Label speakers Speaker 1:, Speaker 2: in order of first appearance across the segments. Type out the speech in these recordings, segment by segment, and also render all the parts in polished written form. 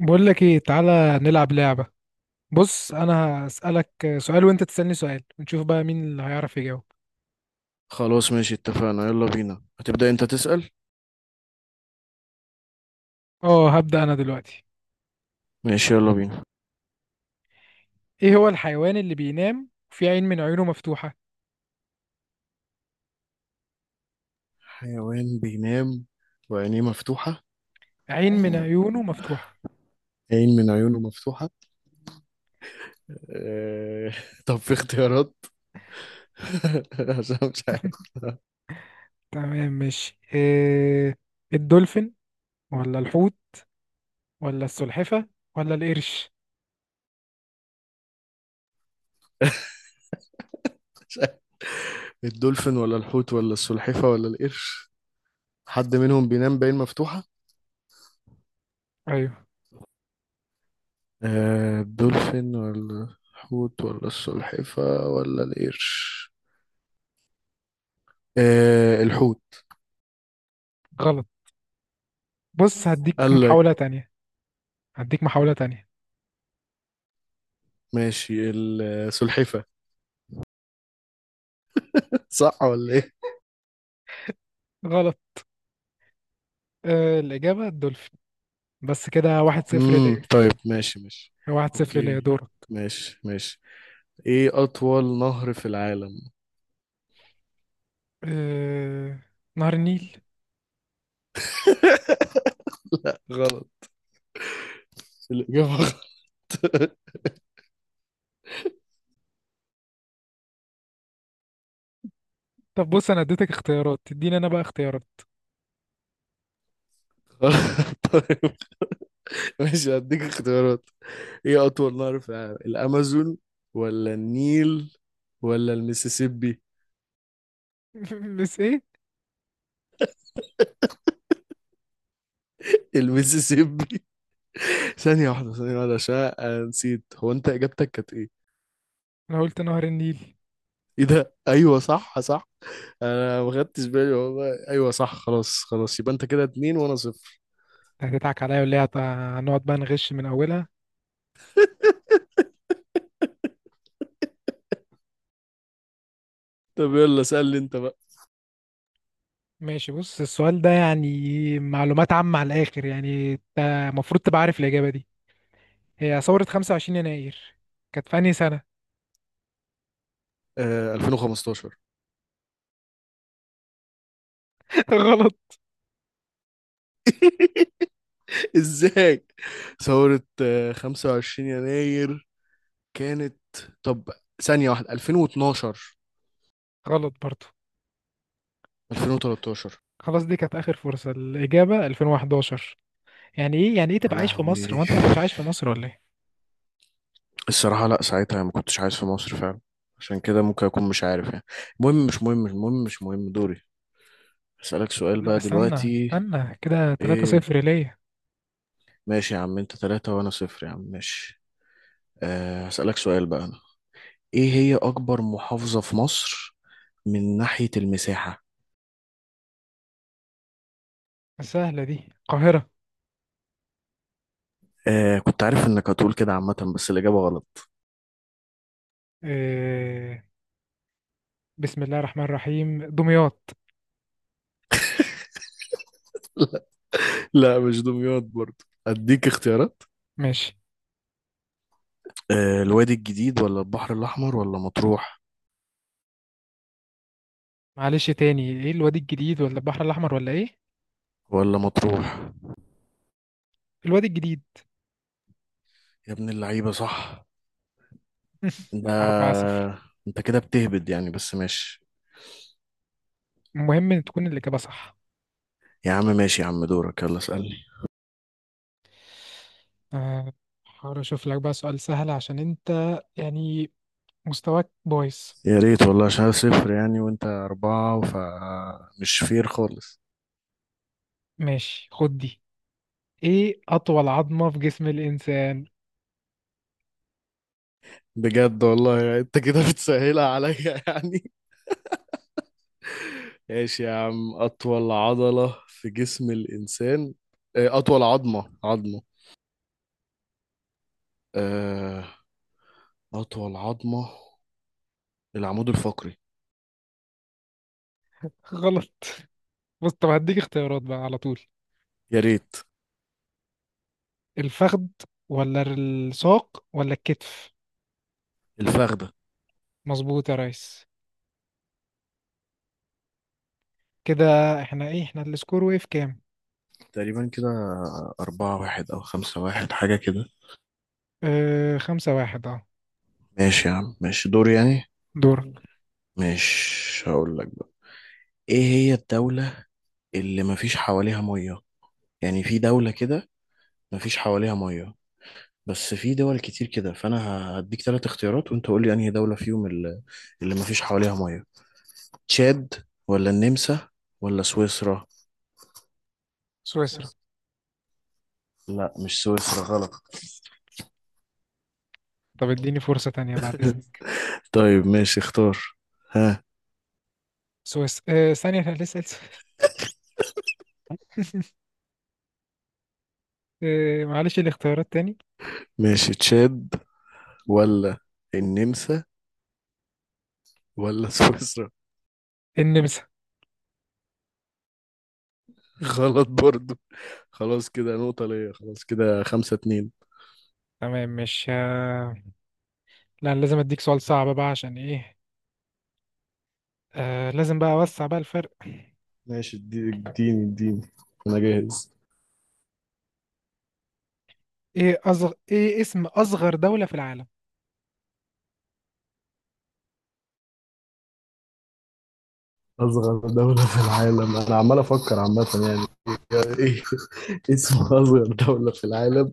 Speaker 1: بقول لك ايه، تعالى نلعب لعبة. بص انا هسألك سؤال وانت تسألني سؤال، ونشوف بقى مين اللي هيعرف يجاوب.
Speaker 2: خلاص، ماشي، اتفقنا، يلا بينا، هتبدأ انت تسأل.
Speaker 1: اه هبدأ انا دلوقتي.
Speaker 2: ماشي، يلا بينا.
Speaker 1: ايه هو الحيوان اللي بينام وفي عين من عيونه مفتوحة؟
Speaker 2: حيوان بينام وعينيه مفتوحة؟
Speaker 1: عين من
Speaker 2: أيوة.
Speaker 1: عيونه مفتوحة.
Speaker 2: عين من عيونه مفتوحة؟ اه... طب في اختيارات. عشان مش عارف.
Speaker 1: تمام ماشي، إيه: الدولفين ولا الحوت ولا السلحفة ولا القرش؟
Speaker 2: مش عارف. الدولفين ولا الحوت ولا السلحفة ولا القرش؟ حد منهم بينام بعين مفتوحة؟
Speaker 1: ايوه.
Speaker 2: اه... الدولفين ولا الحوت ولا السلحفة ولا القرش. اه... الحوت.
Speaker 1: غلط. بص
Speaker 2: بص
Speaker 1: هديك
Speaker 2: قال لك.
Speaker 1: محاولة تانية. هديك محاولة تانية.
Speaker 2: ماشي، السلحفة. صح ولا ايه؟
Speaker 1: غلط. آه الإجابة الدولفين. بس كده 1-0 ليا.
Speaker 2: طيب، ماشي ماشي.
Speaker 1: 1-0
Speaker 2: اوكي،
Speaker 1: ليا، دورك.
Speaker 2: ماشي ماشي. ايه اطول نهر في العالم؟
Speaker 1: آه... نهر النيل.
Speaker 2: غلط. الاجابه. غلط.
Speaker 1: طب بص، انا اديتك اختيارات تديني انا بقى اختيارات.
Speaker 2: طيب ماشي، هديك اختيارات. ايه اطول نهر في العالم، الامازون ولا النيل ولا المسيسيبي؟
Speaker 1: بس ايه،
Speaker 2: المسيسيبي. ثانيه واحده، ثانيه واحده، عشان أنا نسيت، هو انت اجابتك كانت ايه؟
Speaker 1: انا قلت نهر النيل.
Speaker 2: ايه ده، ايوه صح، صح. انا ما خدتش بالي والله، ايوه صح. خلاص، خلاص، يبقى انت كده اتنين وانا صفر.
Speaker 1: أنت هتضحك عليا ولا إيه؟ هنقعد بقى نغش من اولها.
Speaker 2: طب يلا سألني انت بقى.
Speaker 1: ماشي، بص السؤال ده يعني معلومات عامة على الاخر، يعني انت المفروض تبقى عارف الاجابة دي. هي ثورة 25 يناير كانت في انهي سنة؟
Speaker 2: 2015.
Speaker 1: غلط.
Speaker 2: ازاي؟ ثورة 25 يناير كانت. طب، ثانية واحدة، 2012.
Speaker 1: غلط برضو.
Speaker 2: 2013.
Speaker 1: خلاص دي كانت اخر فرصة، الاجابة 2011. يعني ايه، يعني ايه
Speaker 2: يا
Speaker 1: تبقى عايش في مصر
Speaker 2: لهوي.
Speaker 1: وانت ما كنتش عايش في مصر ولا ايه؟
Speaker 2: الصراحة لا، ساعتها ما كنتش عايز في مصر فعلا. عشان كده ممكن أكون مش عارف يعني. المهم مش مهم، المهم مش مهم، دوري. أسألك سؤال
Speaker 1: لا،
Speaker 2: بقى
Speaker 1: استنى
Speaker 2: دلوقتي.
Speaker 1: استنى كده، 3
Speaker 2: إيه؟
Speaker 1: 0 ليا.
Speaker 2: ماشي يا عم، أنت ثلاثة وأنا صفر يا عم، ماشي. هسألك سؤال بقى أنا. إيه هي أكبر محافظة في مصر من ناحية المساحة؟
Speaker 1: سهلة دي، القاهرة.
Speaker 2: آه، كنت عارف انك هتقول كده عامة، بس الإجابة غلط.
Speaker 1: إيه؟ بسم الله الرحمن الرحيم، دمياط.
Speaker 2: لا، مش دمياط برضه. اديك اختيارات.
Speaker 1: ماشي.
Speaker 2: الوادي الجديد ولا البحر الأحمر ولا مطروح؟
Speaker 1: معلش تاني، ايه الوادي الجديد ولا البحر الأحمر ولا ايه؟
Speaker 2: ولا مطروح.
Speaker 1: الوادي الجديد.
Speaker 2: يا ابن اللعيبة، صح. ده
Speaker 1: 4-0.
Speaker 2: انت كده بتهبد يعني، بس ماشي.
Speaker 1: المهم إن تكون الإجابة صح.
Speaker 2: يا عم ماشي، يا عم دورك، يلا اسألني.
Speaker 1: آه، هحاول أشوف لك بقى سؤال سهل، عشان أنت يعني مستواك بايظ.
Speaker 2: يا ريت والله، عشان أنا صفر يعني وانت أربعة، فمش فير خالص.
Speaker 1: ماشي خد دي. ايه أطول عظمة في جسم الإنسان؟
Speaker 2: بجد والله يعني انت كده بتسهلها عليا يعني. ايش يا عم، اطول عضلة في جسم الانسان. اطول عظمة. آه، اطول عظمة. العمود الفقري.
Speaker 1: غلط. بص، طب هديك اختيارات بقى على طول:
Speaker 2: يا ريت.
Speaker 1: الفخذ ولا الساق ولا الكتف؟
Speaker 2: الفخدة.
Speaker 1: مظبوط يا ريس. كده احنا ايه، احنا السكور وقف كام؟
Speaker 2: تقريبا كده. أربعة واحد أو خمسة واحد، حاجة كده.
Speaker 1: اه، 5-1، اه.
Speaker 2: ماشي يا عم، ماشي، دور يعني.
Speaker 1: دورك.
Speaker 2: مش هقول لك بقى. إيه هي الدولة اللي مفيش حواليها مية؟ يعني في دولة كده مفيش حواليها مية. بس في دول كتير كده، فأنا هديك تلات اختيارات، وأنت قول لي أنهي دولة فيهم اللي مفيش حواليها مية. تشاد ولا النمسا ولا سويسرا؟
Speaker 1: سويسرا.
Speaker 2: سويسرا. لا، مش سويسرا، غلط.
Speaker 1: طب اديني فرصة تانية بعد اذنك.
Speaker 2: طيب ماشي، اختار. ها.
Speaker 1: سويسرا، اه ثانية احنا لسه لسه. اه، معلش الاختيارات تاني.
Speaker 2: ماشي، تشاد ولا النمسا ولا سويسرا؟
Speaker 1: النمسا.
Speaker 2: غلط برضو. خلاص كده نقطة ليا، خلاص كده 5-2.
Speaker 1: تمام، مش لا أنا لازم اديك سؤال صعب بقى عشان ايه. اه، لازم بقى اوسع بقى الفرق.
Speaker 2: ماشي، اديني اديني، انا جاهز.
Speaker 1: ايه اصغر، ايه اسم اصغر دولة في العالم؟
Speaker 2: اصغر دولة في العالم، انا عمال افكر عامة يعني. إيه اسم اصغر دولة في العالم؟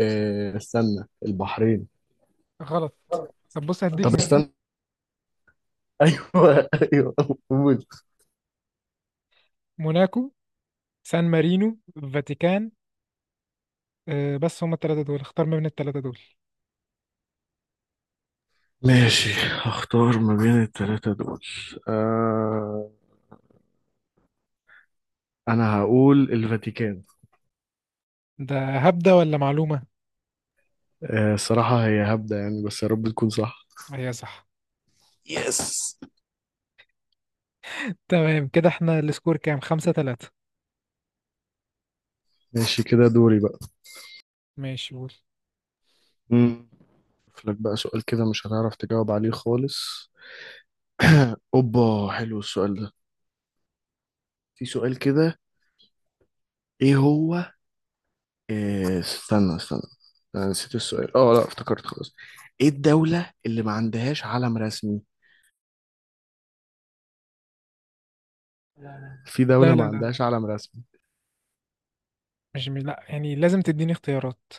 Speaker 2: استنى، البحرين.
Speaker 1: غلط. طب بص هديك
Speaker 2: طب
Speaker 1: هنا:
Speaker 2: استنى. ايوه، ايوه، موت.
Speaker 1: موناكو، سان مارينو، فاتيكان. اه بس هما التلاتة دول، اختار ما بين التلاتة دول.
Speaker 2: ماشي، هختار ما بين التلاتة دول. آه أنا هقول الفاتيكان.
Speaker 1: ده هبدة ولا معلومة؟
Speaker 2: الصراحة هي هبدة يعني، بس يا رب تكون صح.
Speaker 1: هي صح.
Speaker 2: يس.
Speaker 1: تمام، كده احنا السكور كام؟ 5-3.
Speaker 2: ماشي كده، دوري بقى.
Speaker 1: ماشي قول.
Speaker 2: مم. أشوف لك بقى سؤال كده مش هتعرف تجاوب عليه خالص. أوبا، حلو السؤال ده. في سؤال كده، إيه هو؟ استنى استنى. أنا نسيت السؤال، لا، افتكرت خلاص. إيه الدولة اللي ما عندهاش علم رسمي؟ في دولة
Speaker 1: لا لا
Speaker 2: ما
Speaker 1: لا،
Speaker 2: عندهاش علم رسمي.
Speaker 1: مش مي... لا يعني لازم تديني اختيارات.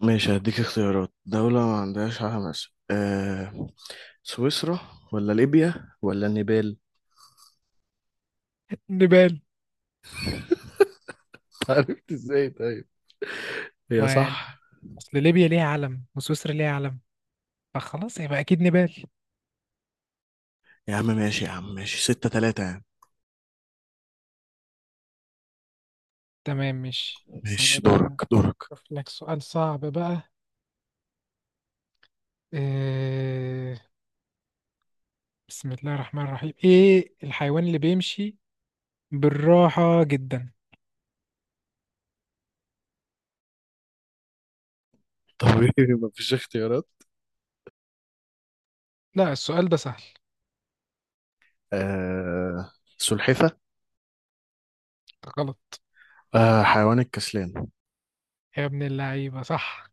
Speaker 2: ماشي، هديك اختيارات. دولة ما عندهاش حماس. سويسرا ولا ليبيا ولا النيبال؟
Speaker 1: نيبال.
Speaker 2: عرفت ازاي طيب؟ هي
Speaker 1: ما يعني
Speaker 2: صح.
Speaker 1: اصل ليبيا ليها علم وسويسرا ليها علم، فخلاص يبقى اكيد نيبال.
Speaker 2: يا عم ماشي، يا عم ماشي، 6-3 يعني.
Speaker 1: تمام ماشي،
Speaker 2: ماشي
Speaker 1: ثانية بقى.
Speaker 2: دورك، دورك.
Speaker 1: اشوف لك سؤال صعب بقى. إيه... بسم الله الرحمن الرحيم، ايه الحيوان اللي بيمشي بالراحة جدا؟
Speaker 2: طب ايه، مفيش اختيارات؟
Speaker 1: لا السؤال ده سهل.
Speaker 2: آه. سلحفة.
Speaker 1: غلط.
Speaker 2: آه، حيوان الكسلان.
Speaker 1: يا ابن اللعيبة صح.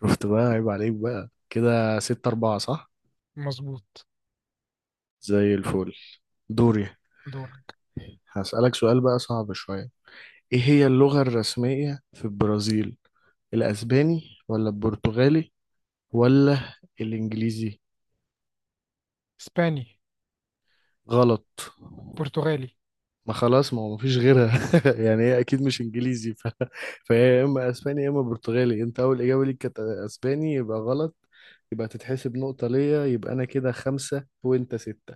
Speaker 2: شفت بقى، عيب عليك بقى، كده 6-4. صح.
Speaker 1: مظبوط.
Speaker 2: زي الفل. دوري.
Speaker 1: دورك.
Speaker 2: هسألك سؤال بقى صعب شوية. ايه هي اللغة الرسمية في البرازيل، الأسباني ولا البرتغالي ولا الانجليزي؟
Speaker 1: اسباني.
Speaker 2: غلط.
Speaker 1: برتغالي.
Speaker 2: ما خلاص، ما هو مفيش غيرها يعني، هي اكيد مش انجليزي فهي يا اما اسباني يا اما برتغالي. انت اول اجابه ليك كانت اسباني، يبقى غلط. يبقى تتحسب نقطه ليا، يبقى انا كده خمسه وانت سته.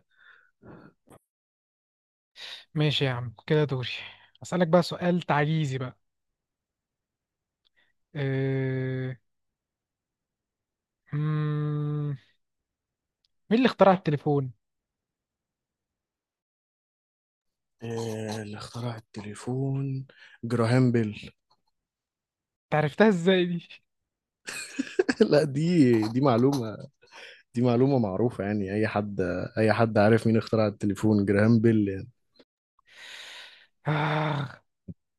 Speaker 1: ماشي يا عم، كده دوري. أسألك بقى سؤال تعجيزي بقى. أه... مم... مين اللي اخترع التليفون؟
Speaker 2: آه، اللي اخترع التليفون، جراهام بيل.
Speaker 1: تعرفتها ازاي دي؟
Speaker 2: لا، دي معلومه. دي معلومه معروفه يعني، اي حد، اي حد عارف مين اخترع التليفون، جراهام بيل يعني.
Speaker 1: آه...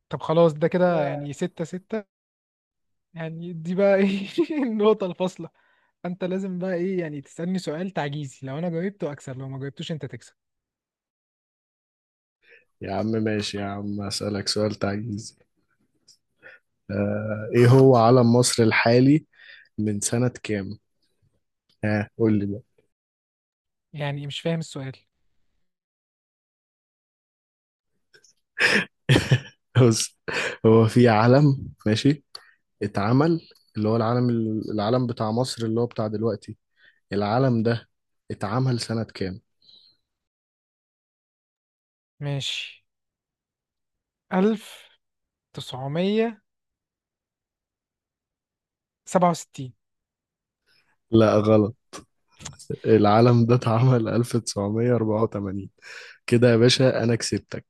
Speaker 1: طب خلاص ده كده يعني 6-6. يعني دي بقى ايه، النقطة الفاصلة؟ انت لازم بقى ايه، يعني تسألني سؤال تعجيزي، لو انا جاوبته اكسب لو ما جاوبتوش انت تكسب.
Speaker 2: يا عم ماشي، يا عم، اسالك سؤال تعجيزي. آه، ايه هو علم مصر الحالي من سنة كام؟ ها قول لي بقى.
Speaker 1: يعني مش فاهم السؤال.
Speaker 2: بص، هو في علم ماشي، اتعمل، اللي هو العلم، العلم بتاع مصر اللي هو بتاع دلوقتي، العلم ده اتعمل سنة كام؟
Speaker 1: ماشي، 1967.
Speaker 2: لا غلط. العلم ده اتعمل 1984. كده يا باشا انا كسبتك.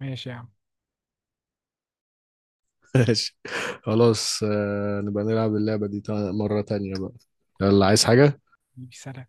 Speaker 1: ماشي يا عم.
Speaker 2: ماشي. خلاص، نبقى نلعب اللعبة دي مرة تانية بقى. يلا، عايز حاجة؟
Speaker 1: سلام.